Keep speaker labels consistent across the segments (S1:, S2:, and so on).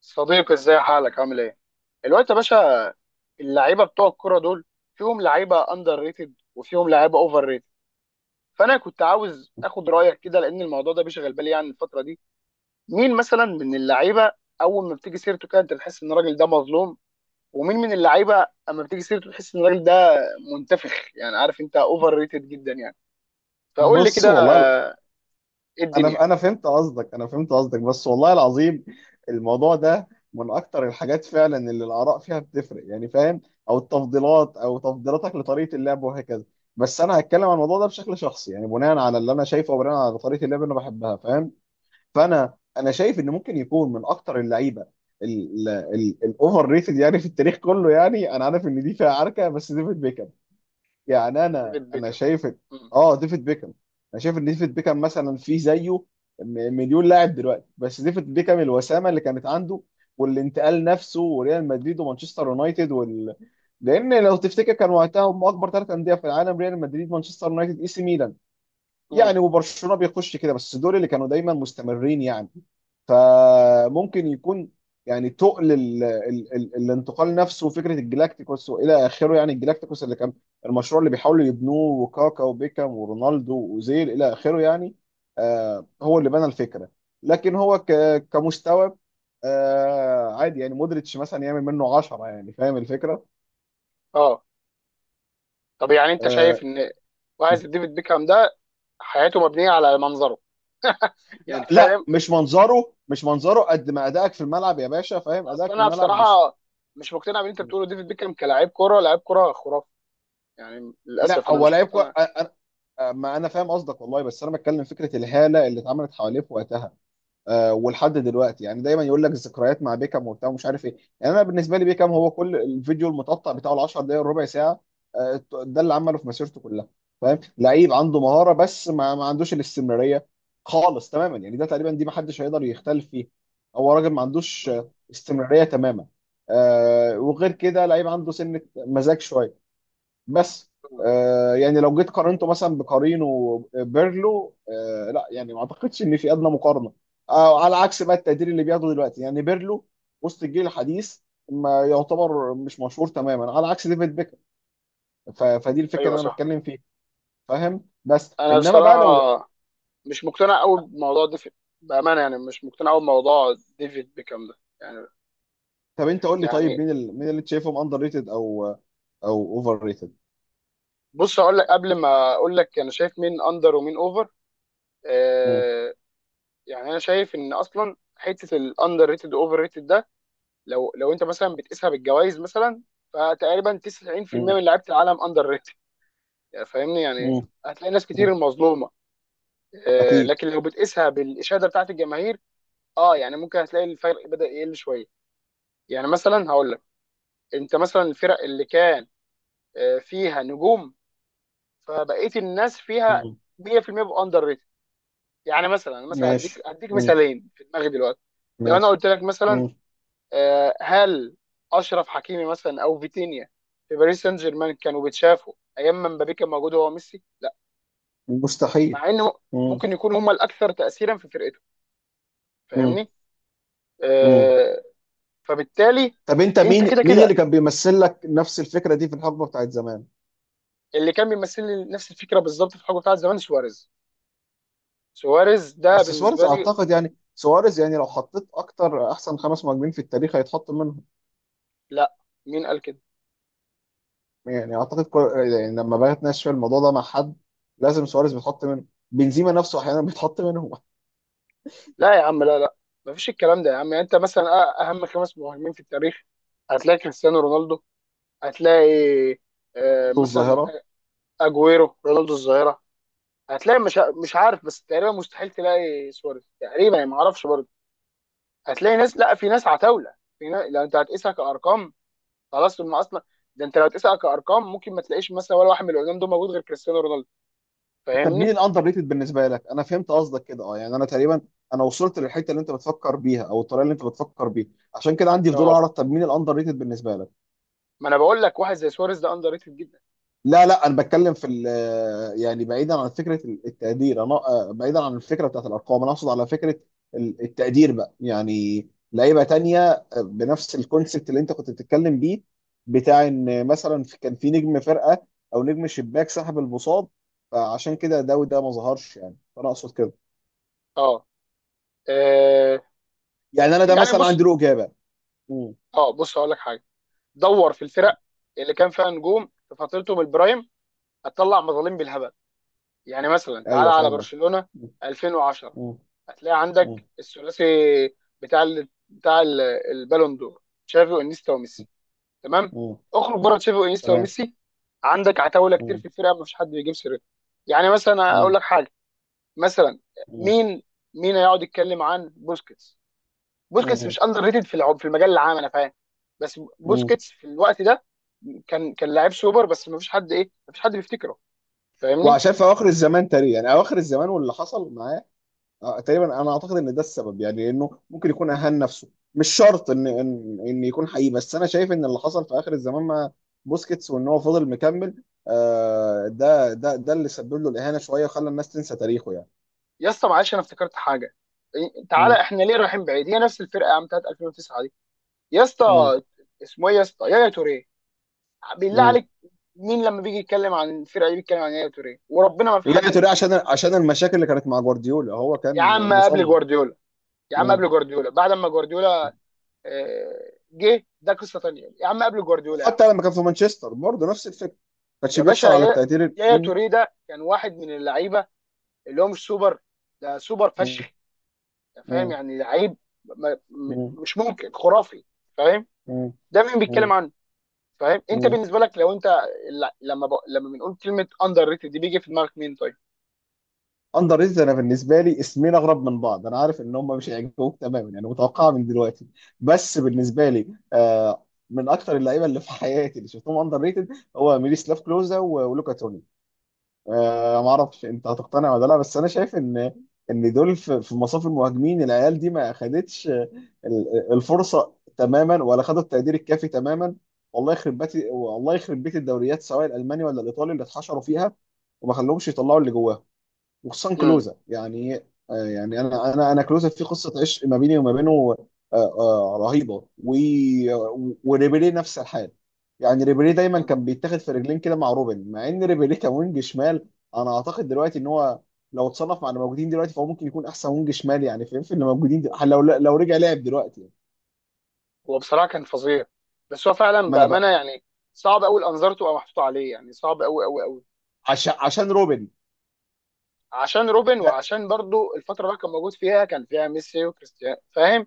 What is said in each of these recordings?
S1: صديقي ازاي حالك عامل ايه؟ الوقت يا باشا. اللعيبه بتوع الكوره دول فيهم لعيبه اندر ريتد وفيهم لعيبه اوفر ريتد، فانا كنت عاوز اخد رايك كده لان الموضوع ده بيشغل بالي يعني الفتره دي. مين مثلا من اللعيبه اول ما بتيجي سيرته كده انت بتحس ان الراجل ده مظلوم، ومين من اللعيبه اما بتيجي سيرته تحس ان الراجل ده منتفخ يعني، عارف انت، اوفر ريتد جدا يعني. فقول لي
S2: بص،
S1: كده.
S2: والله
S1: ايه
S2: انا
S1: الدنيا؟
S2: انا فهمت قصدك انا فهمت قصدك، بس والله العظيم الموضوع ده من اكتر الحاجات فعلا اللي الاراء فيها بتفرق، يعني فاهم، او التفضيلات او تفضيلاتك لطريقه اللعب وهكذا. بس انا هتكلم عن الموضوع ده بشكل شخصي، يعني بناء على اللي انا شايفه وبناء على طريقه اللعب اللي انا بحبها، فاهم. فانا شايف ان ممكن يكون من اكتر اللعيبه الاوفر ريتد، يعني في التاريخ كله. يعني انا عارف ان دي فيها عركه، بس ديفيد بيكهام. يعني انا
S1: ديفيد
S2: انا
S1: بيكهام.
S2: شايف
S1: مم.
S2: اه، ديفيد بيكهام. انا شايف ان ديفيد بيكهام مثلا في زيه مليون لاعب دلوقتي، بس ديفيد بيكهام، الوسامه اللي كانت عنده، والانتقال نفسه، وريال مدريد ومانشستر يونايتد لان لو تفتكر كان وقتها هم اكبر ثلاث انديه في العالم: ريال مدريد، مانشستر يونايتد، اي سي ميلان،
S1: مم.
S2: يعني. وبرشلونه بيخش كده، بس دول اللي كانوا دايما مستمرين يعني. فممكن يكون، يعني تقل ال ال ال الانتقال نفسه وفكره الجلاكتيكوس والى اخره. يعني الجلاكتيكوس اللي كان المشروع اللي بيحاولوا يبنوه، وكاكا وبيكام ورونالدو واوزيل الى اخره يعني. آه، هو اللي بنى الفكره، لكن هو كمستوى عادي. يعني مودريتش مثلا يعمل منه 10. يعني فاهم الفكره.
S1: اه طب يعني انت شايف
S2: آه
S1: ان واحد زي ديفيد بيكهام ده حياته مبنيه على منظره؟ يعني
S2: لا لا،
S1: فاهم.
S2: مش منظره، مش منظره، قد ما ادائك في الملعب يا باشا، فاهم،
S1: اصل
S2: ادائك في
S1: انا
S2: الملعب مش...
S1: بصراحه مش مقتنع باللي انت بتقوله. ديفيد بيكهام كلاعب كوره لاعب كوره خرافي، يعني
S2: لا،
S1: للاسف انا
S2: هو
S1: مش
S2: لعيب
S1: مقتنع.
S2: ما انا فاهم قصدك والله، بس انا بتكلم فكره الهاله اللي اتعملت حواليه في وقتها. آه، ولحد دلوقتي يعني دايما يقول لك الذكريات مع بيكام وبتاع ومش عارف ايه. يعني انا بالنسبه لي بيكام هو كل الفيديو المتقطع بتاعه، ال 10 دقائق ربع ساعه. آه، ده اللي عمله في مسيرته كلها. فاهم، لعيب عنده مهاره، بس ما عندوش الاستمراريه خالص تماما. يعني ده تقريبا، دي ما حدش هيقدر يختلف فيه. هو راجل ما عندوش
S1: مم.
S2: استمراريه تماما. آه، وغير كده لعيب عنده سنه مزاج شويه بس.
S1: مم.
S2: آه، يعني لو جيت قارنته مثلا بقارينه بيرلو، آه لا، يعني ما اعتقدش ان في ادنى مقارنه. آه، على عكس بقى التقدير اللي بياخده دلوقتي، يعني بيرلو وسط الجيل الحديث ما يعتبر، مش مشهور تماما، على عكس ديفيد بيكهام. فدي الفكره
S1: ايوه
S2: اللي انا
S1: صح.
S2: بتكلم فيها، فاهم، بس
S1: انا
S2: انما بقى
S1: بصراحه
S2: لو...
S1: مش مقتنع قوي بموضوع ديفيد، بامانه يعني مش مقتنع قوي بموضوع ديفيد بيكهام ده يعني
S2: طب انت قول لي،
S1: يعني.
S2: طيب مين مين اللي أنت شايفهم اندر ريتد او اوفر ريتد؟
S1: بص اقول لك، قبل ما اقول لك انا شايف مين اندر ومين اوفر،
S2: مم.
S1: آه، يعني انا شايف ان اصلا حته الاندر ريتد اوفر ريتد ده لو انت مثلا بتقيسها بالجوائز مثلا، فتقريبا 90%
S2: مم.
S1: من لعيبه العالم اندر ريتد. يعني فاهمني، يعني
S2: مم.
S1: هتلاقي ناس كتير
S2: مم.
S1: المظلومه.
S2: اكيد.
S1: لكن لو بتقيسها بالاشاده بتاعت الجماهير، اه يعني ممكن هتلاقي الفرق بدا يقل شويه. يعني مثلا هقول لك، انت مثلا الفرق اللي كان فيها نجوم فبقيه الناس فيها
S2: مم.
S1: 100% بيبقوا اندر ريتد. يعني مثلا مثلا هديك
S2: ماشي. مم.
S1: مثالين في دماغي دلوقتي. لو انا
S2: ماشي.
S1: قلت لك مثلا،
S2: مم.
S1: هل اشرف حكيمي مثلا او فيتينيا في باريس سان جيرمان كانوا بيتشافوا ايام ما مبابي كان موجود هو ميسي؟ لا.
S2: مستحيل.
S1: مع انه ممكن يكونوا هم الاكثر تاثيرا في فرقته.
S2: مم.
S1: فاهمني.
S2: مم.
S1: آه، فبالتالي
S2: طب انت
S1: انت
S2: مين
S1: كده
S2: مين اللي
S1: كده.
S2: كان بيمثل لك نفس الفكره دي في الحقبه بتاعت زمان؟
S1: اللي كان بيمثل لي نفس الفكره بالظبط في الحقبه بتاعت زمان سواريز. سواريز ده
S2: بس سواريز
S1: بالنسبه لي.
S2: اعتقد، يعني سواريز، يعني لو حطيت اكتر احسن خمس مهاجمين في التاريخ هيتحط منهم.
S1: لا، مين قال كده؟
S2: يعني اعتقد كل... يعني لما باجي اتناقش في الموضوع ده مع حد، لازم سواريز بيتحط منه، بنزيما نفسه احيانا بيتحط منهم.
S1: لا يا عم، لا لا، مفيش الكلام ده يا عم. يعني انت مثلا اهم خمس مهاجمين في التاريخ هتلاقي كريستيانو رونالدو، هتلاقي
S2: رونالدو
S1: مثلا
S2: الظاهره.
S1: اجويرو، رونالدو الظاهره، هتلاقي مش عارف، بس تقريبا مستحيل تلاقي سواريز تقريبا يعني، ما اعرفش برضه. هتلاقي ناس، لا في ناس عتاوله، في ناس. لو انت هتقيسها كارقام خلاص ما اصلا، ده انت لو هتقيسها كارقام ممكن ما تلاقيش مثلا ولا واحد من القدام دول موجود غير كريستيانو رونالدو.
S2: طب مين
S1: فاهمني؟
S2: الاندر ريتد بالنسبه لك؟ انا فهمت قصدك كده، اه، يعني انا تقريبا، انا وصلت للحته اللي انت بتفكر بيها او الطريقه اللي انت بتفكر بيها. عشان كده عندي فضول
S1: اه،
S2: اعرف، طب مين الاندر ريتد بالنسبه لك؟
S1: ما انا بقول لك واحد زي سواريز ده اندر ريتد جدا.
S2: لا لا، انا بتكلم في يعني بعيدا عن فكره التقدير. انا بعيدا عن الفكره بتاعت الارقام، انا اقصد على فكره التقدير بقى، يعني لعيبه تانية، آه، بنفس الكونسبت اللي انت كنت بتتكلم بيه، بتاع ان مثلا كان في نجم فرقه او نجم شباك سحب المصاب، فعشان كده ده وده ما ظهرش يعني. فانا اقصد كده.
S1: اه. آه،
S2: يعني انا ده
S1: يعني
S2: مثلا عندي
S1: بص،
S2: له اجابه. مم.
S1: اه بص هقول لك حاجه. دور في الفرق اللي كان فيها نجوم في فترتهم البرايم هتطلع مظالم بالهبل. يعني مثلا تعالى
S2: ايوه
S1: على
S2: فاهم قصدي.
S1: برشلونه
S2: مم.
S1: 2010
S2: مم.
S1: هتلاقي
S2: مم.
S1: عندك الثلاثي بتاع ال... بتاع ال- البالون دور تشافي وانيستا وميسي، تمام؟
S2: مم.
S1: اخرج بره تشافي وانيستا
S2: تمام.
S1: وميسي عندك عتاوله كتير
S2: مم.
S1: في الفرقه ما فيش حد بيجيب سيرتها. يعني مثلا اقول
S2: مم.
S1: لك حاجه، مثلا، مين مين هيقعد يتكلم عن بوسكيتس؟ بوسكيتس
S2: مم.
S1: مش اندر ريتد في في المجال العام انا فاهم، بس
S2: مم.
S1: بوسكيتس في الوقت ده كان لعيب سوبر بس ما فيش حد ايه، ما فيش حد بيفتكره. فاهمني.
S2: وعشان في اواخر الزمان تقريبا، يعني اواخر الزمان واللي حصل معاه، آه، تقريبا انا اعتقد ان ده السبب. يعني انه ممكن يكون اهان نفسه، مش شرط ان يكون حقيقي، بس انا شايف ان اللي حصل في اخر الزمان مع بوسكيتس، وان هو فضل مكمل، آه، ده اللي سبب له الاهانه شويه وخلى الناس تنسى تاريخه يعني.
S1: يا اسطى معلش انا افتكرت حاجه. تعالى
S2: مم.
S1: احنا ليه رايحين بعيد، هي نفس الفرقه يا عم بتاعت 2009 يا
S2: مم.
S1: اسطى. اسمه ايه يا اسطى؟ يايا توريه، بالله
S2: مم.
S1: عليك. مين لما بيجي يتكلم عن الفرقه دي بيتكلم عن يايا توريه؟ وربنا ما في حد
S2: يعني تقريبا عشان
S1: بيفتكره.
S2: المشاكل اللي كانت مع جوارديولا، هو
S1: يا
S2: كان
S1: عم قبل
S2: مصمم.
S1: جوارديولا، يا عم
S2: مم.
S1: قبل جوارديولا بعد ما جوارديولا جه ده قصه تانيه، يا عم قبل جوارديولا يا عم.
S2: وحتى لما كان في مانشستر برضه نفس الفكره، ما كانش
S1: يا باشا
S2: بيحصل على التقدير
S1: يايا
S2: مم.
S1: توريه ده كان واحد من اللعيبه اللي هو مش سوبر، ده سوبر فشخ.
S2: مم.
S1: أنت فاهم؟
S2: مم.
S1: يعني لعيب ما- م-
S2: مم.
S1: مش ممكن، خرافي. فاهم؟
S2: مم.
S1: ده مين
S2: مم.
S1: بيتكلم عنه؟ فاهم؟ انت
S2: مم.
S1: بالنسبه لك لو انت لما بنقول كلمه اندر ريتد دي بيجي في دماغك مين طيب؟
S2: اندر ريتد، انا بالنسبه لي اسمين اغرب من بعض. انا عارف ان هم مش هيعجبوك تماما، يعني متوقعه من دلوقتي. بس بالنسبه لي آه، من اكتر اللعيبه اللي في حياتي اللي شفتهم اندر ريتد هو ميريسلاف كلوزا ولوكا توني. آه، ما اعرفش انت هتقتنع ولا لا، بس انا شايف ان دول في في مصاف المهاجمين. العيال دي ما خدتش الفرصه تماما، ولا خدت التقدير الكافي تماما. والله يخرب بيت، والله يخرب بيت الدوريات، سواء الالماني ولا الايطالي اللي اتحشروا فيها، وما خلوهمش يطلعوا اللي جواهم، وخصوصا
S1: امم.
S2: كلوزا يعني. آه، يعني انا كلوزا في قصه عشق ما بيني وما بينه، رهيبه. وريبيري نفس الحال. يعني ريبيري دايما
S1: امم.
S2: كان بيتاخد في رجلين كده مع روبن، مع ان ريبيري كان وينج شمال. انا اعتقد دلوقتي ان هو، لو اتصنف مع اللي موجودين دلوقتي، فهو ممكن يكون احسن وينج شمال. يعني فاهم، في اللي موجودين دلوقتي لو رجع لعب دلوقتي يعني.
S1: هو بصراحه كان فظيع، بس هو فعلا
S2: اما انا
S1: بامانه
S2: بقى،
S1: يعني صعب قوي الانظار تبقى محطوطه عليه يعني، صعب قوي قوي قوي.
S2: عشان روبن.
S1: عشان روبن،
S2: ف-
S1: وعشان برضو الفتره اللي كان موجود فيها كان فيها ميسي وكريستيانو، فاهم؟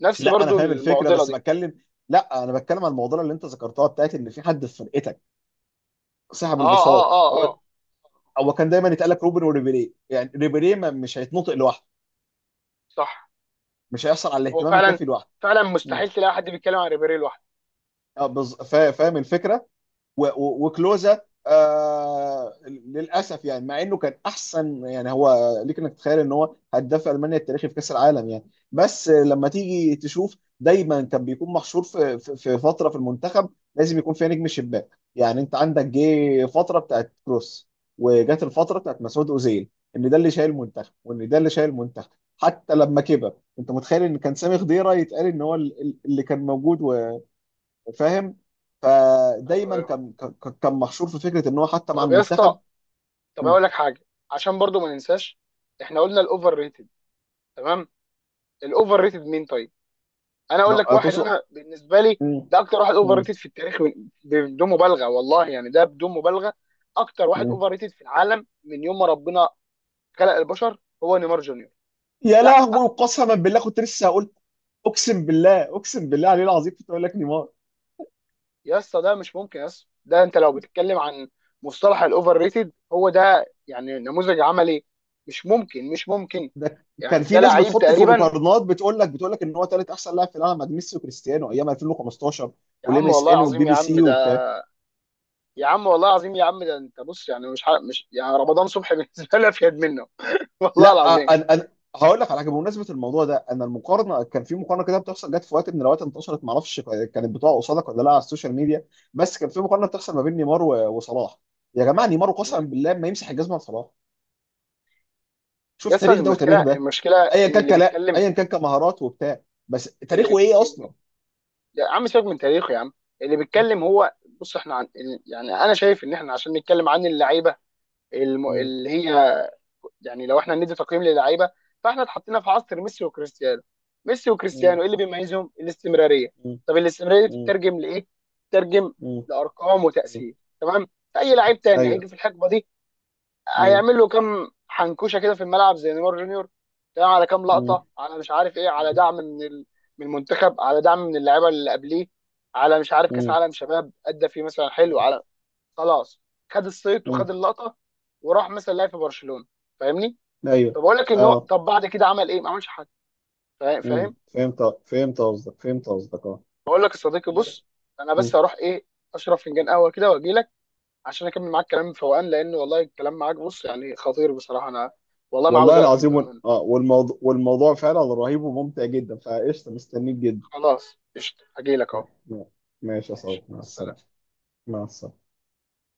S1: نفس
S2: لا، انا
S1: برضو
S2: فاهم الفكره
S1: المعضله
S2: بس
S1: دي.
S2: بتكلم. لا انا بتكلم عن الموضوع اللي انت ذكرتها بتاعت ان في حد في فرقتك سحب
S1: اه اه
S2: البساط.
S1: اه اه.
S2: هو كان دايما يتقال لك روبن وريبيري، يعني ريبيري مش هيتنطق لوحده،
S1: صح.
S2: مش هيحصل على
S1: هو
S2: الاهتمام
S1: فعلا
S2: الكافي لوحده.
S1: فعلا
S2: مم.
S1: مستحيل تلاقي حد بيتكلم عن ريبيري لوحده.
S2: اه فاهم الفكره،
S1: اه.
S2: وكلوزا. آه، للاسف يعني مع انه كان احسن، يعني هو ليك انك تتخيل ان هو هداف المانيا التاريخي في كاس العالم يعني. بس آه، لما تيجي تشوف دايما كان بيكون محشور في فتره في المنتخب لازم يكون فيها نجم الشباك. يعني انت عندك جه فتره بتاعت كروس، وجت الفتره بتاعت مسعود اوزيل، ان ده اللي شايل المنتخب وان ده اللي شايل المنتخب. حتى لما كبر، انت متخيل ان كان سامي خضيره يتقال ان هو اللي كان موجود، فاهم.
S1: ايوه
S2: فدايما
S1: ايوه.
S2: كان كان محشور في فكره ان هو حتى مع
S1: طب يا اسطى،
S2: المنتخب.
S1: طب
S2: مم.
S1: اقول لك حاجه، عشان برضو ما ننساش، احنا قلنا الاوفر ريتد، تمام؟ الاوفر ريتد مين طيب؟ انا اقول لك
S2: لا،
S1: واحد
S2: توصل.
S1: انا بالنسبه لي
S2: مم.
S1: ده اكتر واحد اوفر
S2: مم.
S1: ريتد في التاريخ بدون مبالغه والله يعني، ده بدون مبالغه اكتر واحد
S2: مم.
S1: اوفر ريتد في العالم من يوم ما ربنا خلق البشر هو نيمار جونيور.
S2: يا
S1: ده
S2: لهوي،
S1: أك...
S2: قسما بالله كنت لسه هقول، اقسم بالله، اقسم بالله عليه العظيم كنت اقول لك نيمار.
S1: يا اسطى ده مش ممكن، يا اسطى ده انت لو بتتكلم عن مصطلح الاوفر ريتد هو ده يعني، نموذج عملي. مش ممكن، مش ممكن.
S2: ده كان
S1: يعني
S2: في
S1: ده
S2: ناس
S1: لعيب
S2: بتحطه في
S1: تقريبا،
S2: مقارنات، بتقول لك ان هو ثالث احسن لاعب في العالم بعد ميسي وكريستيانو ايام 2015،
S1: يا
S2: والام
S1: عم
S2: اس
S1: والله
S2: ان والبي
S1: العظيم يا
S2: بي
S1: عم
S2: سي.
S1: ده، يا عم والله العظيم يا عم ده. انت بص يعني مش يعني رمضان صبحي بالنسبه لي افيد منه.
S2: لا،
S1: والله العظيم.
S2: انا هقول لك على حاجه بمناسبه الموضوع ده. انا المقارنه، كان في مقارنه كده بتحصل، جت في وقت من الاوقات انتشرت، ما اعرفش كانت بتقع قصادك ولا لا على السوشيال ميديا. بس كان في مقارنه بتحصل ما بين نيمار وصلاح. يا جماعه، نيمار قسما
S1: مم.
S2: بالله ما يمسح الجزمه لصلاح.
S1: يا
S2: شوف
S1: اسطى
S2: تاريخ ده
S1: المشكله،
S2: وتاريخ ده.
S1: المشكله
S2: ايا
S1: ان
S2: كان
S1: اللي
S2: كلا،
S1: بيتكلم،
S2: ايا كان كمهارات وبتاع، بس
S1: اللي
S2: تاريخه
S1: بيك...
S2: ايه
S1: اللي بيك...
S2: اصلا؟
S1: يا عم سيبك من تاريخه يا عم، اللي بيتكلم هو. بص احنا يعني انا شايف ان احنا عشان نتكلم عن اللعيبه
S2: مم.
S1: اللي هي، يعني لو احنا ندي تقييم للعيبه فاحنا اتحطينا في عصر ميسي وكريستيانو. ميسي
S2: مم.
S1: وكريستيانو ايه اللي بيميزهم؟ الاستمراريه.
S2: مم.
S1: طب الاستمراريه دي
S2: مم.
S1: بتترجم لايه؟ بتترجم
S2: مم.
S1: لارقام
S2: مم.
S1: وتاثير، تمام؟ اي
S2: مم.
S1: لعيب تاني
S2: ايوه.
S1: هيجي في الحقبه دي
S2: مم.
S1: هيعمل له كام حنكوشه كده في الملعب زي نيمار جونيور، تمام؟ على كام
S2: مم.
S1: لقطه، على مش عارف ايه، على
S2: مم.
S1: دعم من من المنتخب، على دعم من اللعيبه اللي قبليه، على مش عارف كاس عالم شباب ادى فيه مثلا حلو،
S2: مم.
S1: على خلاص خد الصيت
S2: مم.
S1: وخد اللقطه وراح مثلا لعب في برشلونه. فاهمني؟
S2: ايوه.
S1: فبقول لك ان هو
S2: اه.
S1: طب بعد كده عمل ايه؟ ما عملش حاجه.
S2: مم.
S1: فاهم؟
S2: فهمت، فهمت قصدك، اه.
S1: بقول لك يا صديقي،
S2: ب-
S1: بص انا
S2: مم.
S1: بس هروح ايه اشرب فنجان قهوه كده واجي لك عشان اكمل معاك كلام فوقان، لان والله الكلام معاك بص يعني خطير بصراحه، انا والله ما عاوز
S2: والله
S1: اقفل
S2: العظيم
S1: بامانه.
S2: والموضوع، فعلا رهيب وممتع جدا، فقشطة مستنيك جدا.
S1: خلاص قشطة هجيلك اهو.
S2: م- ماشي يا صاحبي،
S1: ماشي مع
S2: مع السلامة.
S1: السلامة.
S2: مع السلامة.